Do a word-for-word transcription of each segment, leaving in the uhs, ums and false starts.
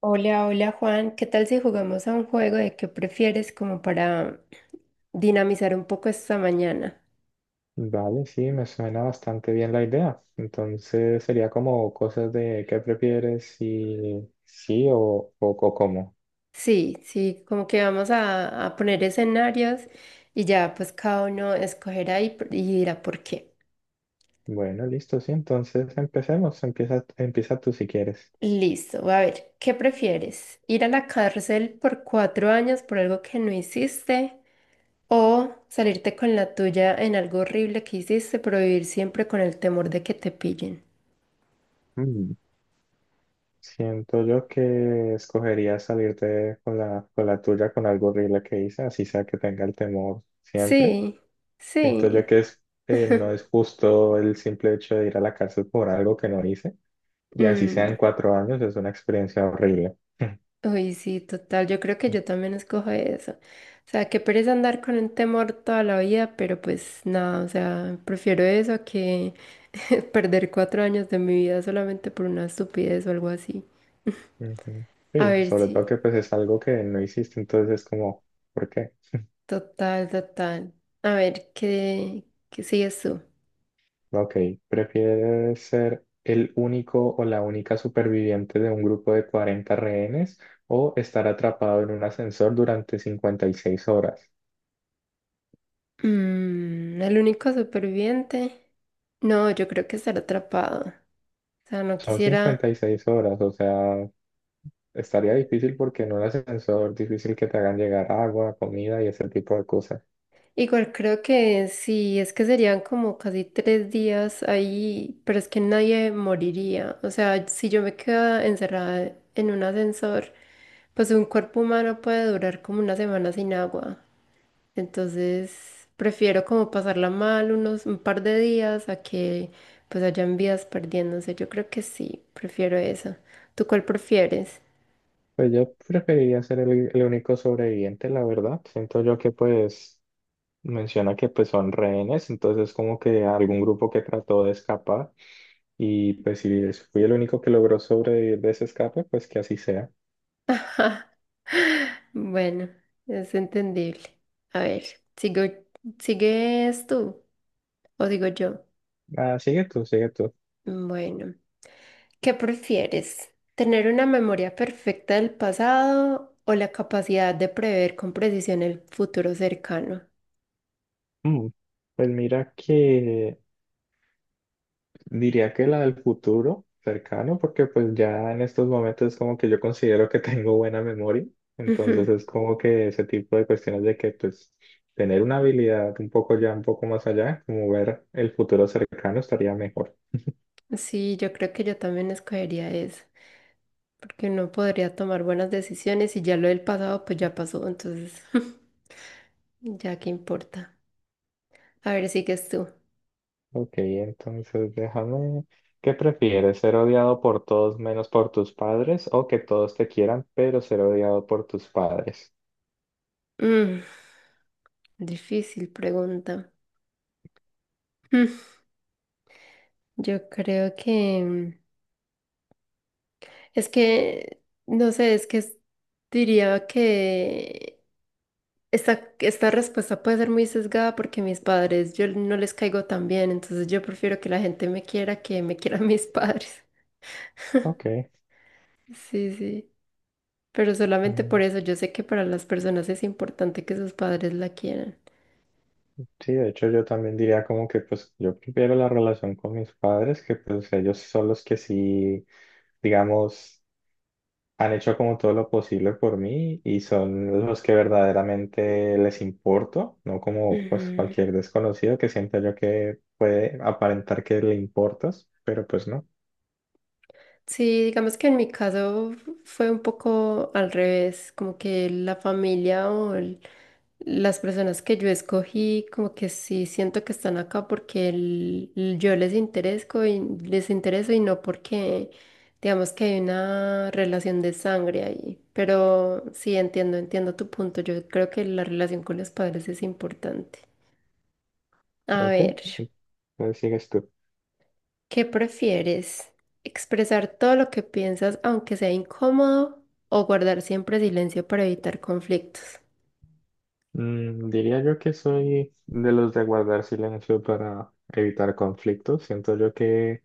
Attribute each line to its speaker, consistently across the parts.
Speaker 1: Hola, hola Juan, ¿qué tal si jugamos a un juego de qué prefieres como para dinamizar un poco esta mañana?
Speaker 2: Vale, sí, me suena bastante bien la idea. Entonces sería como cosas de qué prefieres, si sí o, o, o cómo.
Speaker 1: Sí, sí, como que vamos a, a poner escenarios y ya pues cada uno escogerá y, p- y dirá por qué.
Speaker 2: Bueno, listo, sí, entonces empecemos. Empieza, empieza tú si quieres.
Speaker 1: Listo, a ver, ¿qué prefieres? ¿Ir a la cárcel por cuatro años por algo que no hiciste o salirte con la tuya en algo horrible que hiciste pero vivir siempre con el temor de que te pillen?
Speaker 2: Mm, Siento yo que escogería salirte con la, con la tuya con algo horrible que hice, así sea que tenga el temor siempre.
Speaker 1: Sí,
Speaker 2: Siento yo
Speaker 1: sí.
Speaker 2: que es, eh, no es justo el simple hecho de ir a la cárcel por algo que no hice, y así
Speaker 1: Mm.
Speaker 2: sean cuatro años, es una experiencia horrible.
Speaker 1: Uy, sí, total. Yo creo que
Speaker 2: Ujú.
Speaker 1: yo también escojo eso. O sea, que pereza andar con un temor toda la vida, pero pues nada, o sea, prefiero eso a que perder cuatro años de mi vida solamente por una estupidez o algo así. A
Speaker 2: Sí,
Speaker 1: ver,
Speaker 2: sobre
Speaker 1: sí,
Speaker 2: todo que pues es algo que no hiciste, entonces es como, ¿por qué?
Speaker 1: total, total. A ver, ¿qué, qué sigues tú?
Speaker 2: Ok, ¿prefieres ser el único o la única superviviente de un grupo de cuarenta rehenes o estar atrapado en un ascensor durante cincuenta y seis horas?
Speaker 1: Mm, el único superviviente. No, yo creo que estar atrapado. O sea, no
Speaker 2: Son
Speaker 1: quisiera.
Speaker 2: cincuenta y seis horas, o sea, estaría difícil porque en un ascensor difícil que te hagan llegar agua, comida y ese tipo de cosas.
Speaker 1: Igual creo que sí, es que serían como casi tres días ahí, pero es que nadie moriría. O sea, si yo me quedo encerrada en un ascensor, pues un cuerpo humano puede durar como una semana sin agua. Entonces, prefiero como pasarla mal unos un par de días a que pues hayan vidas perdiéndose. Yo creo que sí, prefiero eso. ¿Tú cuál prefieres?
Speaker 2: Pues yo preferiría ser el, el único sobreviviente, la verdad. Siento yo que pues menciona que pues son rehenes, entonces como que algún grupo que trató de escapar y pues si fui el único que logró sobrevivir de ese escape, pues que así sea.
Speaker 1: Bueno, es entendible. A ver, sigo, ¿sigues tú o digo yo?
Speaker 2: Ah, sigue tú, sigue tú.
Speaker 1: Bueno, ¿qué prefieres? ¿Tener una memoria perfecta del pasado o la capacidad de prever con precisión el futuro cercano?
Speaker 2: Mm, Pues mira que diría que la del futuro cercano, porque pues ya en estos momentos es como que yo considero que tengo buena memoria, entonces
Speaker 1: Ujú.
Speaker 2: es como que ese tipo de cuestiones de que pues tener una habilidad un poco ya, un poco más allá, como ver el futuro cercano estaría mejor.
Speaker 1: Sí, yo creo que yo también escogería eso, porque uno podría tomar buenas decisiones y ya lo del pasado pues ya pasó, entonces ya qué importa. A ver, sigues tú.
Speaker 2: Ok, entonces déjame, ¿qué prefieres? ¿Ser odiado por todos menos por tus padres o que todos te quieran, pero ser odiado por tus padres?
Speaker 1: Mm, difícil pregunta. Mm, yo creo que es que, no sé, es que es- diría que Esta, esta respuesta puede ser muy sesgada porque mis padres, yo no les caigo tan bien, entonces yo prefiero que la gente me quiera que me quieran mis padres.
Speaker 2: Ok.
Speaker 1: Sí, sí, pero solamente por
Speaker 2: mm,
Speaker 1: eso yo sé que para las personas es importante que sus padres la quieran.
Speaker 2: Sí, de hecho yo también diría como que pues yo prefiero la relación con mis padres, que pues ellos son los que sí, digamos, han hecho como todo lo posible por mí y son los que verdaderamente les importo, no como pues
Speaker 1: Ujú.
Speaker 2: cualquier desconocido que sienta yo que puede aparentar que le importas, pero pues no.
Speaker 1: Sí, digamos que en mi caso fue un poco al revés, como que la familia o el- las personas que yo escogí, como que sí siento que están acá porque el- el- yo les interesco y les intereso y no porque digamos que hay una relación de sangre ahí. Pero sí entiendo, entiendo tu punto. Yo creo que la relación con los padres es importante. A
Speaker 2: Ok,
Speaker 1: ver.
Speaker 2: entonces sigues tú.
Speaker 1: ¿Qué prefieres? ¿Expresar todo lo que piensas aunque sea incómodo o guardar siempre silencio para evitar conflictos?
Speaker 2: Mm, diría yo que soy de los de guardar silencio para evitar conflictos. Siento yo que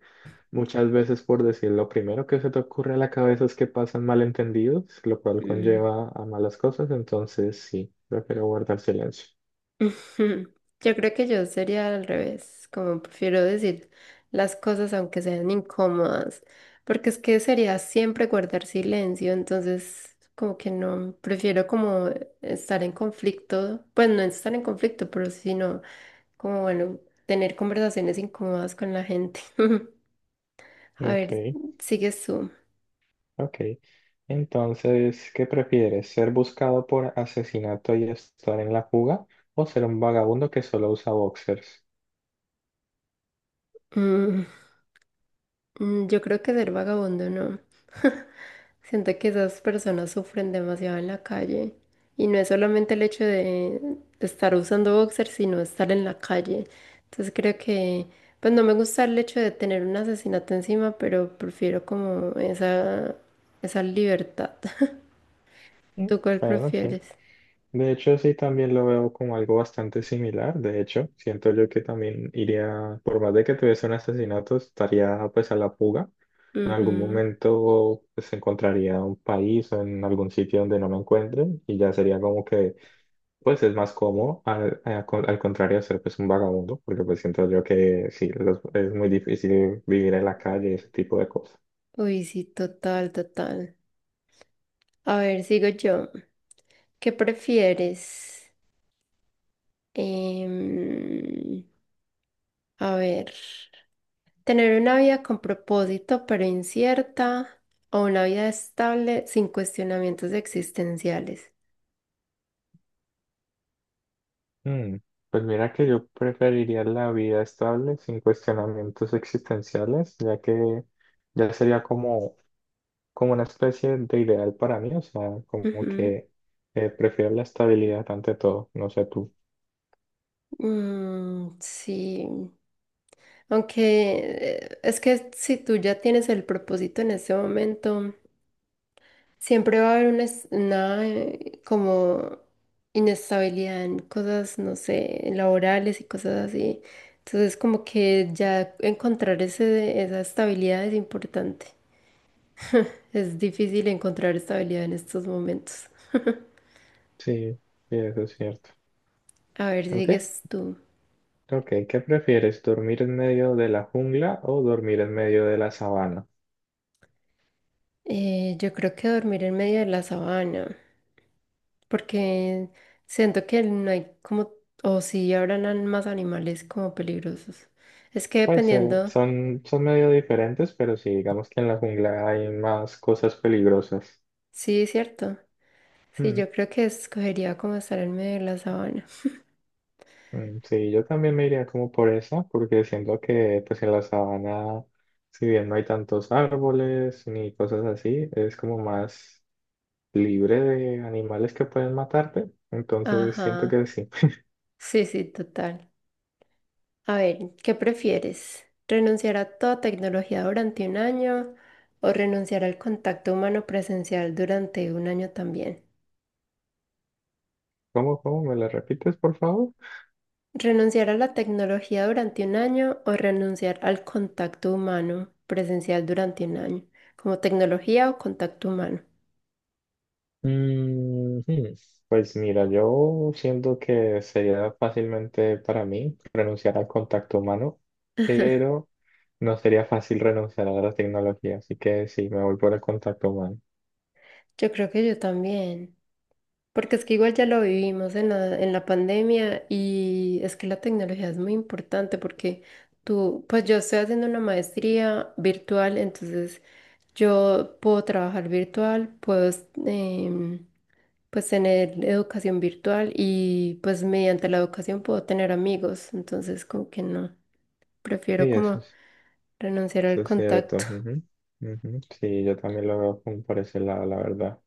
Speaker 2: muchas veces, por decir lo primero que se te ocurre a la cabeza es que pasan malentendidos, lo cual
Speaker 1: Mm.
Speaker 2: conlleva a malas cosas, entonces sí, prefiero guardar silencio.
Speaker 1: Ujú. Yo creo que yo sería al revés, como prefiero decir las cosas aunque sean incómodas, porque es que sería siempre guardar silencio, entonces como que no, prefiero como estar en conflicto, pues no estar en conflicto, pero sí, sino como bueno, tener conversaciones incómodas con la gente. A
Speaker 2: Ok,
Speaker 1: ver, sigues tú.
Speaker 2: ok. Entonces, ¿qué prefieres? ¿Ser buscado por asesinato y estar en la fuga o ser un vagabundo que solo usa boxers?
Speaker 1: Mm, mm, yo creo que ser vagabundo no. Siento que esas personas sufren demasiado en la calle. Y no es solamente el hecho de estar usando boxer, sino estar en la calle. Entonces creo que, pues no me gusta el hecho de tener un asesinato encima, pero prefiero como esa, esa libertad.
Speaker 2: Mm,
Speaker 1: ¿Tú cuál
Speaker 2: Bueno, sí.
Speaker 1: prefieres?
Speaker 2: De hecho, sí, también lo veo como algo bastante similar. De hecho, siento yo que también iría, por más de que tuviese un asesinato, estaría pues a la fuga. En algún
Speaker 1: Ujú.
Speaker 2: momento pues encontraría un país o en algún sitio donde no me encuentren y ya sería como que pues es más cómodo al, a- con- al contrario de ser pues un vagabundo, porque pues siento yo que sí, los- es muy difícil vivir en la calle y ese tipo de cosas.
Speaker 1: Uy, sí, total, total. A ver, sigo yo. ¿Qué prefieres? Em, a ver, tener una vida con propósito pero incierta o una vida estable sin cuestionamientos existenciales.
Speaker 2: Mm, Pues mira que yo preferiría la vida estable sin cuestionamientos existenciales, ya que ya sería como, como una especie de ideal para mí, o sea, como que eh, prefiero la estabilidad ante todo, no sé tú.
Speaker 1: Ujú. Mm, sí, aunque eh, es que si tú ya tienes el propósito en ese momento, siempre va a haber una, es- una, eh, como inestabilidad en cosas, no sé, laborales y cosas así. Entonces, como que ya encontrar ese, esa estabilidad es importante. Es difícil encontrar estabilidad en estos momentos.
Speaker 2: Sí, sí, eso es cierto.
Speaker 1: A ver,
Speaker 2: Ok,
Speaker 1: sigues tú.
Speaker 2: ok, ¿qué prefieres? ¿Dormir en medio de la jungla o dormir en medio de la sabana?
Speaker 1: Eh, yo creo que dormir en medio de la sabana, porque siento que no hay como, o sí, habrán an- más animales como peligrosos. Es que
Speaker 2: Puede ser,
Speaker 1: dependiendo,
Speaker 2: son, son medio diferentes, pero sí, digamos que en la jungla hay más cosas peligrosas.
Speaker 1: sí, es cierto. Sí, yo creo que escogería como estar en medio de la sabana.
Speaker 2: Mm, Sí, yo también me iría como por esa, porque siento que pues en la sabana, si bien no hay tantos árboles ni cosas así, es como más libre de animales que pueden matarte. Entonces siento que
Speaker 1: Ajá.
Speaker 2: sí.
Speaker 1: Sí, sí, total. A ver, ¿qué prefieres? ¿Renunciar a toda tecnología durante un año o renunciar al contacto humano presencial durante un año también?
Speaker 2: ¿Cómo, cómo? ¿Me la repites, por favor?
Speaker 1: ¿Renunciar a la tecnología durante un año o renunciar al contacto humano presencial durante un año? Como tecnología o contacto humano.
Speaker 2: Mm, hmm, Pues mira, yo siento que sería fácilmente para mí renunciar al contacto humano, pero no sería fácil renunciar a la tecnología, así que sí, me voy por el contacto humano.
Speaker 1: Yo creo que yo también. Porque es que igual ya lo vivimos en la, en la pandemia y es que la tecnología es muy importante porque tú, pues yo estoy haciendo una maestría virtual, entonces yo puedo trabajar virtual, puedo em, pues tener educación virtual y pues mediante la educación puedo tener amigos, entonces como que no, prefiero
Speaker 2: Y eso.
Speaker 1: como renunciar
Speaker 2: Eso
Speaker 1: al
Speaker 2: es cierto.
Speaker 1: contacto.
Speaker 2: ujú, ujú. Sí, yo también lo veo como por ese lado, la verdad.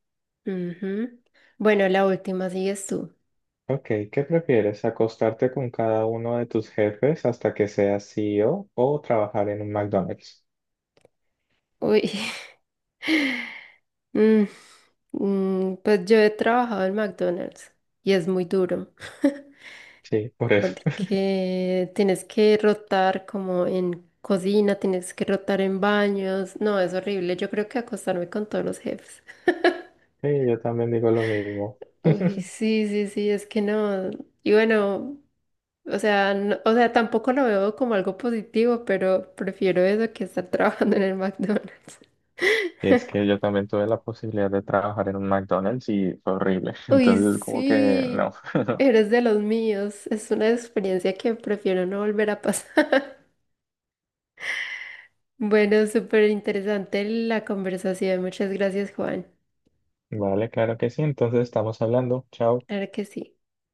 Speaker 1: Ujú. Bueno, la última sigues tú.
Speaker 2: Ok, ¿qué prefieres? ¿Acostarte con cada uno de tus jefes hasta que seas CEO o o trabajar en un McDonald's?
Speaker 1: Uy. Mm, mm, pues yo he trabajado en McDonald's y es muy duro
Speaker 2: Sí, por eso.
Speaker 1: porque tienes que rotar como en cocina, tienes que rotar en baños. No, es horrible. Yo creo que acostarme con todos los jefes.
Speaker 2: Sí, yo también digo lo mismo.
Speaker 1: Uy, sí, sí, sí, es que no. Y bueno, o sea, no- o sea, tampoco lo veo como algo positivo, pero prefiero eso que estar trabajando en el McDonald's.
Speaker 2: Y es que yo también tuve la posibilidad de trabajar en un McDonald's y fue horrible.
Speaker 1: Uy,
Speaker 2: Entonces, como que no.
Speaker 1: sí, eres de los míos. Es una experiencia que prefiero no volver a pasar. Bueno, súper interesante la conversación. Muchas gracias, Juan.
Speaker 2: Vale, claro que sí. Entonces, estamos hablando. Chao.
Speaker 1: Claro que sí.